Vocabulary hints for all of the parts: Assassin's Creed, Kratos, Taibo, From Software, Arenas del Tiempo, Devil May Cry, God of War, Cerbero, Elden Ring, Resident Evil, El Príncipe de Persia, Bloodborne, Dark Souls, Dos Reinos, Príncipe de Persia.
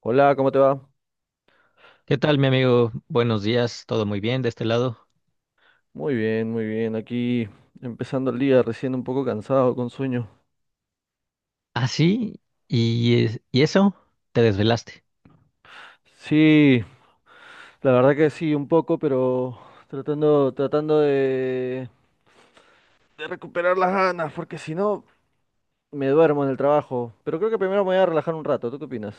Hola, ¿cómo te va? ¿Qué tal, mi amigo? Buenos días, todo muy bien de este lado. Muy bien, muy bien. Aquí empezando el día, recién un poco cansado, con sueño. Ah, sí, y eso, te desvelaste. Sí, la verdad que sí, un poco, pero tratando de recuperar las ganas, porque si no me duermo en el trabajo. Pero creo que primero me voy a relajar un rato. ¿Tú qué opinas?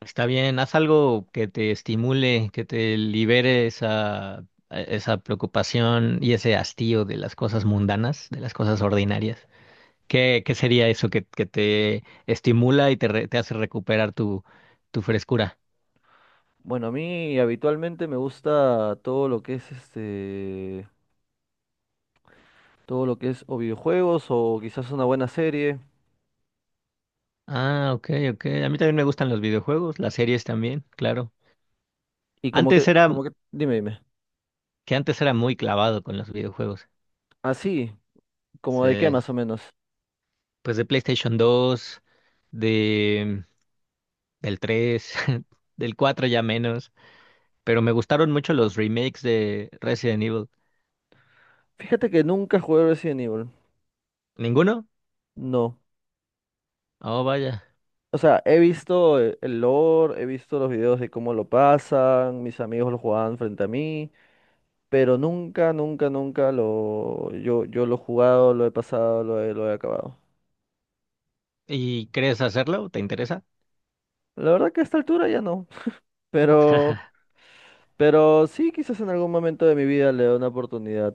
Está bien, haz algo que te estimule, que te libere esa preocupación y ese hastío de las cosas mundanas, de las cosas ordinarias. ¿Qué sería eso que te estimula y te hace recuperar tu frescura? Bueno, a mí habitualmente me gusta todo lo que es todo lo que es o videojuegos o quizás una buena serie. Ah, ok, ok. A mí también me gustan los videojuegos, las series también, claro. Y como que, Antes era, como que, dime, dime. que antes era muy clavado con los videojuegos. Así, como Sí, de qué más o menos. pues de PlayStation 2, de del 3, del 4 ya menos, pero me gustaron mucho los remakes de Resident Evil. Fíjate que nunca jugué Resident Evil. ¿Ninguno? No. Oh, vaya. O sea, he visto el lore, he visto los videos de cómo lo pasan, mis amigos lo jugaban frente a mí, pero nunca, nunca, nunca lo yo yo lo he jugado, lo he pasado, lo he acabado. ¿Y crees hacerlo? ¿Te interesa? La verdad que a esta altura ya no, pero pero sí, quizás en algún momento de mi vida le dé una oportunidad.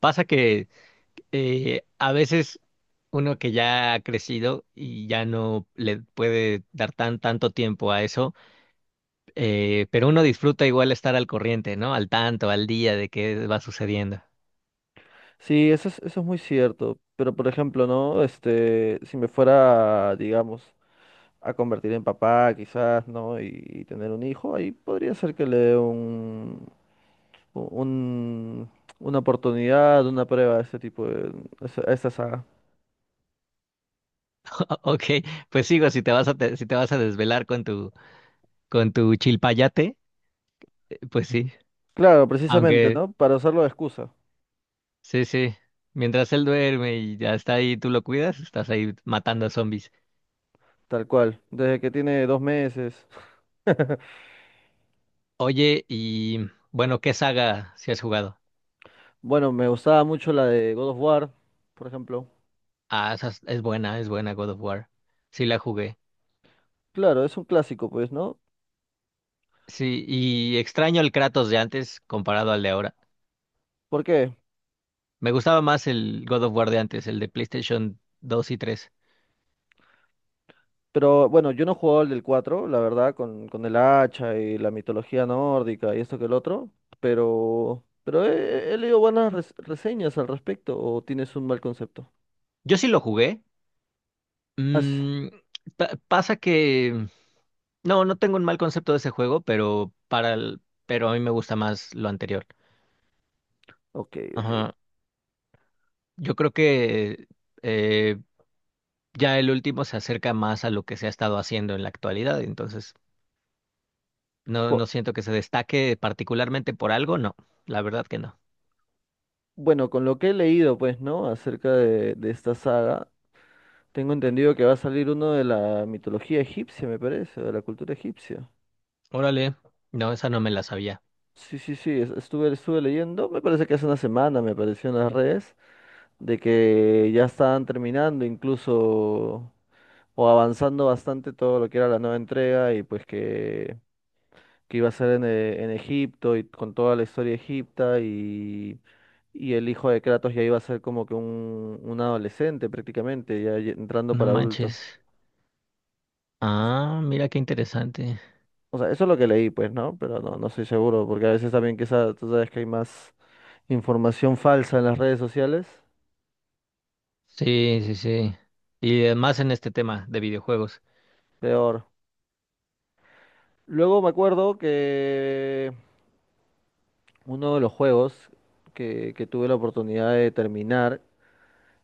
Pasa que a veces uno que ya ha crecido y ya no le puede dar tanto tiempo a eso, pero uno disfruta igual estar al corriente, ¿no? Al tanto, al día de qué va sucediendo. Sí, eso es muy cierto, pero por ejemplo, ¿no? Si me fuera, digamos, a convertir en papá, quizás, ¿no? Y tener un hijo, ahí podría ser que le dé un- una oportunidad, una prueba a ese tipo de, a esa saga. Ok, pues sigo, si te vas a te- si te vas a desvelar con tu chilpayate, pues sí. Claro, precisamente, Aunque ¿no? Para usarlo de excusa, sí, sí. Mientras él duerme y ya está ahí, tú lo cuidas, estás ahí matando a zombies. tal cual, desde que tiene 2 meses. Oye, y bueno, ¿qué saga si has jugado? Bueno, me gustaba mucho la de God of War, por ejemplo. Ah, esa es buena God of War. Sí la jugué. Claro, es un clásico, pues, ¿no? Sí, y extraño el Kratos de antes comparado al de ahora. ¿Por qué? Me gustaba más el God of War de antes, el de PlayStation dos y tres. Pero bueno, yo no jugaba el del 4 la verdad, con el hacha y la mitología nórdica y esto que el otro, pero he leído buenas reseñas al respecto, o tienes un mal concepto. Yo sí lo jugué. Ah, sí. Mm, Pasa que no, no tengo un mal concepto de ese juego, pero pero a mí me gusta más lo anterior. Ok, ok. Ajá. Yo creo que eh, ya el último se acerca más a lo que se ha estado haciendo en la actualidad, entonces no, Bu- no siento que se destaque particularmente por algo, no, la verdad que no. Bueno, con lo que he leído, pues, ¿no? Acerca de esta saga, tengo entendido que va a salir uno de la mitología egipcia, me parece, de la cultura egipcia. Órale, no, esa no me la sabía. Sí, sí, sí, estuve leyendo, me parece que hace una semana me apareció en las redes, de que ya estaban terminando incluso o avanzando bastante todo lo que era la nueva entrega y pues que iba a ser en Egipto y con toda la historia egipta y el hijo de Kratos ya iba a ser como que un adolescente prácticamente, ya entrando No para adulto. manches. Ah, mira qué interesante. O sea, eso es lo que leí, pues, ¿no? Pero no estoy seguro, porque a veces también que esa, tú sabes que hay más información falsa en las redes sociales, Sí, sí, sí. Y además en este tema de videojuegos, peor. Luego me acuerdo que uno de los juegos que tuve la oportunidad de terminar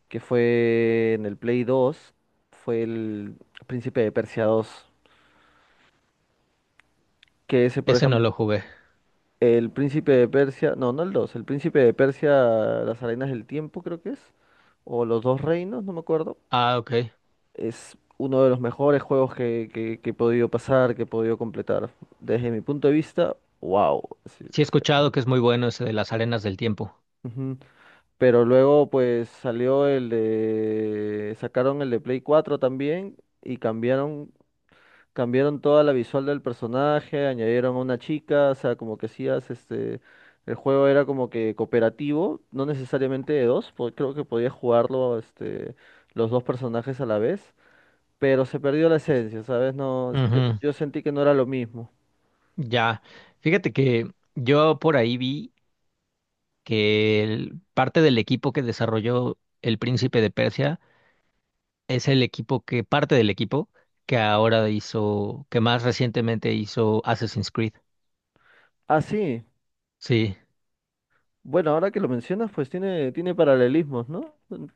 que fue en el Play 2 fue el Príncipe de Persia dos. Que ese, por ese no ejemplo, lo jugué. el Príncipe de Persia, no, no el dos, el Príncipe de Persia, las Arenas del Tiempo creo que es, o los Dos Reinos, no me acuerdo. Ah, ok. Es uno de los mejores juegos que he podido pasar, que he podido completar. Desde mi punto de vista, wow. Sí. Sí he escuchado que es muy bueno ese de las arenas del tiempo. Ujú. Pero luego pues salió el de... sacaron el de Play 4 también y cambiaron toda la visual del personaje, añadieron a una chica, o sea, como que hacías el juego era como que cooperativo, no necesariamente de dos, porque creo que podías jugarlo los dos personajes a la vez, pero se perdió la esencia, ¿sabes? No, yo, Ujú, yo sentí que no era lo mismo. ya, fíjate que yo por ahí vi que parte del equipo que desarrolló El Príncipe de Persia es el equipo que, parte del equipo que ahora hizo, que más recientemente hizo Assassin's Creed. Ah, sí, Sí, bueno, ahora que lo mencionas, pues tiene paralelismos, ¿no? Mm.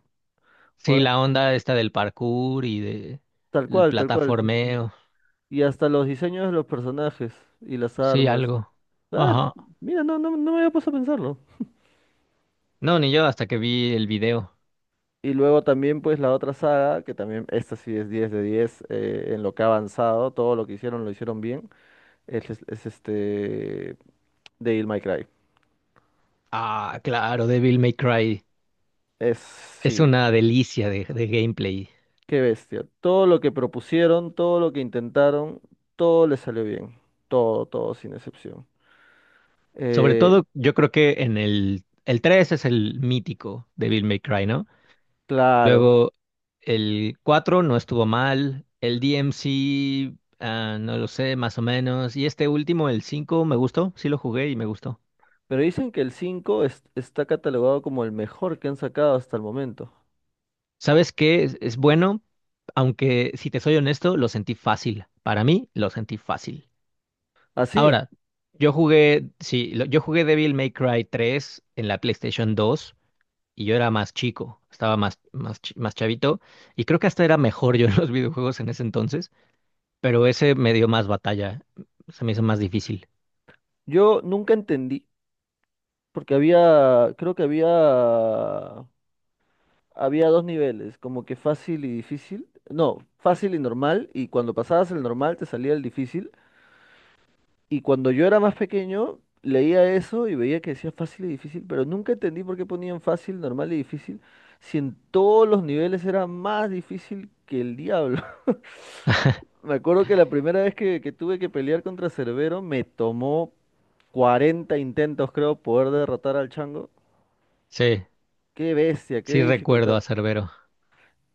sí, Ahora, la onda esta del parkour y de tal el cual, tal cual. plataformeo, Y hasta los diseños de los personajes y las sí, armas. algo. Ah, Ajá. mira, no, no, no me había puesto a pensarlo. No, ni yo hasta que vi el video. Y luego también pues la otra saga, que también esta sí es 10 de 10, en lo que ha avanzado, todo lo que hicieron lo hicieron bien, es este Devil May Cry. Ah, claro, Devil May Cry. Es Sí, una delicia de gameplay. qué bestia. Todo lo que propusieron, todo lo que intentaron, todo les salió bien. Todo, todo, sin excepción. Sobre Eh, todo, yo creo que en el 3 es el mítico de Devil May Cry, ¿no? claro, Luego, el 4 no estuvo mal, el DMC, ah, no lo sé, más o menos, y este último, el 5 me gustó, sí lo jugué y me gustó. pero dicen que el 5 está catalogado como el mejor que han sacado hasta el momento. ¿Sabes qué? Es bueno, aunque si te soy honesto, lo sentí fácil. Para mí, lo sentí fácil. Así, Ahora, yo jugué, sí, yo jugué Devil May Cry 3 en la PlayStation 2. Y yo era más chico, estaba más chavito, y creo que hasta era mejor yo en los videojuegos en ese entonces, pero ese me dio más batalla, se me hizo más difícil. yo nunca entendí, porque había, creo que había... Había dos niveles, como que fácil y difícil. No, fácil y normal. Y cuando pasabas el normal te salía el difícil. Y cuando yo era más pequeño, leía eso y veía que decía fácil y difícil, pero nunca entendí por qué ponían fácil, normal y difícil, si en todos los niveles era más difícil que el diablo. Me acuerdo que la primera vez que tuve que pelear contra Cerbero me tomó 40 intentos, creo, poder derrotar al chango. Sí, Qué bestia, qué sí recuerdo a dificultad. Cerbero.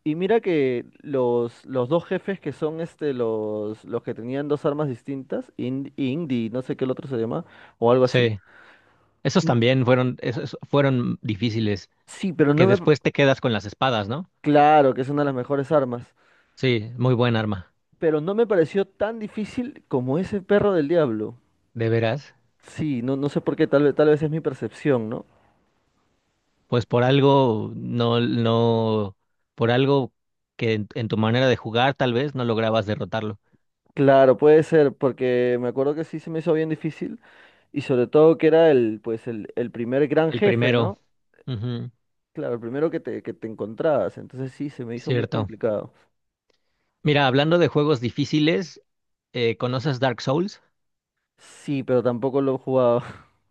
Y mira que los dos jefes que son los que tenían dos armas distintas, Indy, no sé qué el otro se llama, o algo así. Sí, esos n- también fueron, esos fueron difíciles, Sí, pero no que me... después te quedas con las espadas, ¿no? Claro que es una de las mejores armas, Sí, muy buen arma, pero no me pareció tan difícil como ese perro del diablo. de veras. Sí, no sé por qué, tal vez es mi percepción, ¿no? Pues por algo, no, no, por algo que en tu manera de jugar tal vez no lograbas derrotarlo. Claro, puede ser, porque me acuerdo que sí se me hizo bien difícil, y sobre todo que era el primer gran El jefe, primero, ¿no? ujú, Claro, el primero que que te encontrabas, entonces sí, se me hizo muy cierto. complicado. Mira, hablando de juegos difíciles, ¿conoces Dark Souls? Sí, pero tampoco lo he jugado.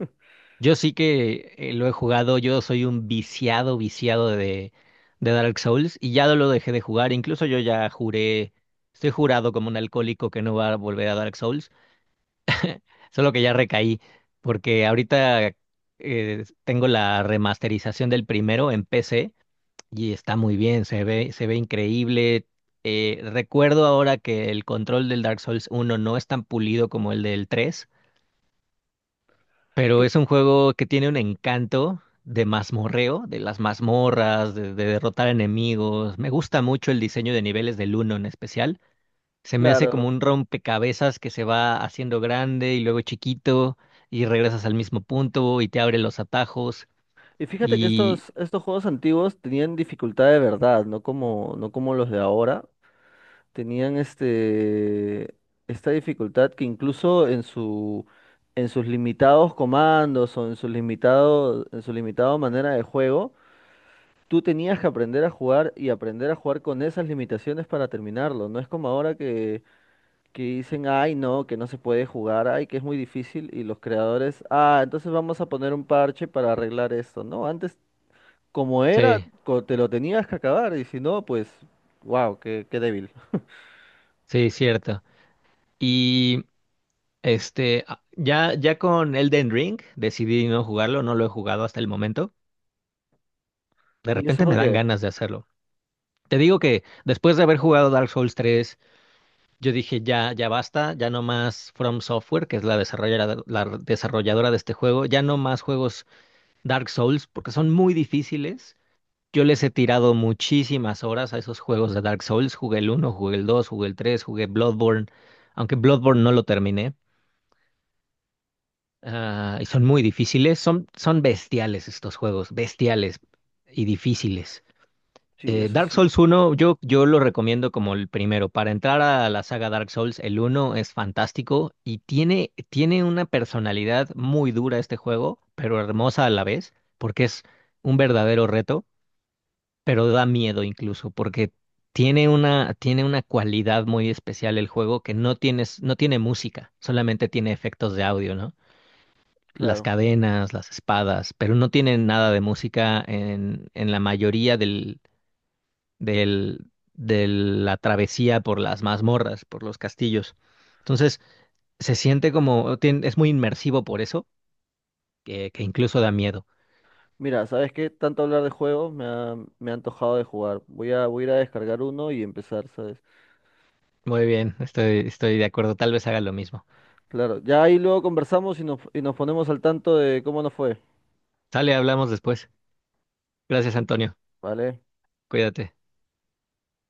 Yo sí que lo he jugado, yo soy un viciado, viciado de Dark Souls y ya lo dejé de jugar, incluso yo ya juré, estoy jurado como un alcohólico que no va a volver a Dark Souls, solo que ya recaí, porque ahorita tengo la remasterización del primero en PC y está muy bien, se ve increíble. Recuerdo ahora que el control del Dark Souls uno no es tan pulido como el del 3. Pero Cl- es un juego que tiene un encanto de mazmorreo, de las mazmorras, de derrotar enemigos. Me gusta mucho el diseño de niveles del uno en especial. Se me hace como Claro. un rompecabezas que se va haciendo grande y luego chiquito y regresas al mismo punto y te abre los atajos. Y fíjate que Y estos juegos antiguos tenían dificultad de verdad, no como, no como los de ahora. Tenían esta dificultad que incluso en su, en sus limitados comandos o en su limitada manera de juego, tú tenías que aprender a jugar y aprender a jugar con esas limitaciones para terminarlo. No es como ahora que dicen, ay, no, que no se puede jugar, ay, que es muy difícil, y los creadores, ah, entonces vamos a poner un parche para arreglar esto, ¿no? Antes, como era, sí, te lo tenías que acabar, y si no, pues, wow, qué débil. sí, cierto. Y este, ya, ya con Elden Ring decidí no jugarlo, no lo he jugado hasta el momento. De ¿Y eso repente por me dan qué? ganas de hacerlo. Te digo que después de haber jugado Dark Souls 3, yo dije ya, ya basta, ya no más From Software, que es la desarrolladora de este juego, ya no más juegos Dark Souls, porque son muy difíciles. Yo les he tirado muchísimas horas a esos juegos de Dark Souls. Jugué el uno, jugué el 2, jugué el 3, jugué Bloodborne, aunque Bloodborne no lo terminé. Ah, y son muy difíciles, son bestiales estos juegos, bestiales y difíciles. Sí, eso es Dark Souls cierto, uno yo lo recomiendo como el primero. Para entrar a la saga Dark Souls, el uno es fantástico y tiene una personalidad muy dura este juego, pero hermosa a la vez, porque es un verdadero reto, pero da miedo incluso, porque tiene una cualidad muy especial el juego que no tiene música, solamente tiene efectos de audio, ¿no? Las claro. cadenas, las espadas, pero no tiene nada de música en la mayoría del, de la travesía por las mazmorras, por los castillos. Entonces, se siente como, es muy inmersivo por eso, que incluso da miedo. Mira, ¿sabes qué? Tanto hablar de juegos me ha antojado de jugar. Voy a ir a descargar uno y empezar, ¿sabes? Muy bien, estoy de acuerdo, tal vez haga lo mismo. Claro, ya ahí luego conversamos y nos ponemos al tanto de cómo nos fue, Sale, hablamos después. Gracias, Antonio. ¿vale? Cuídate.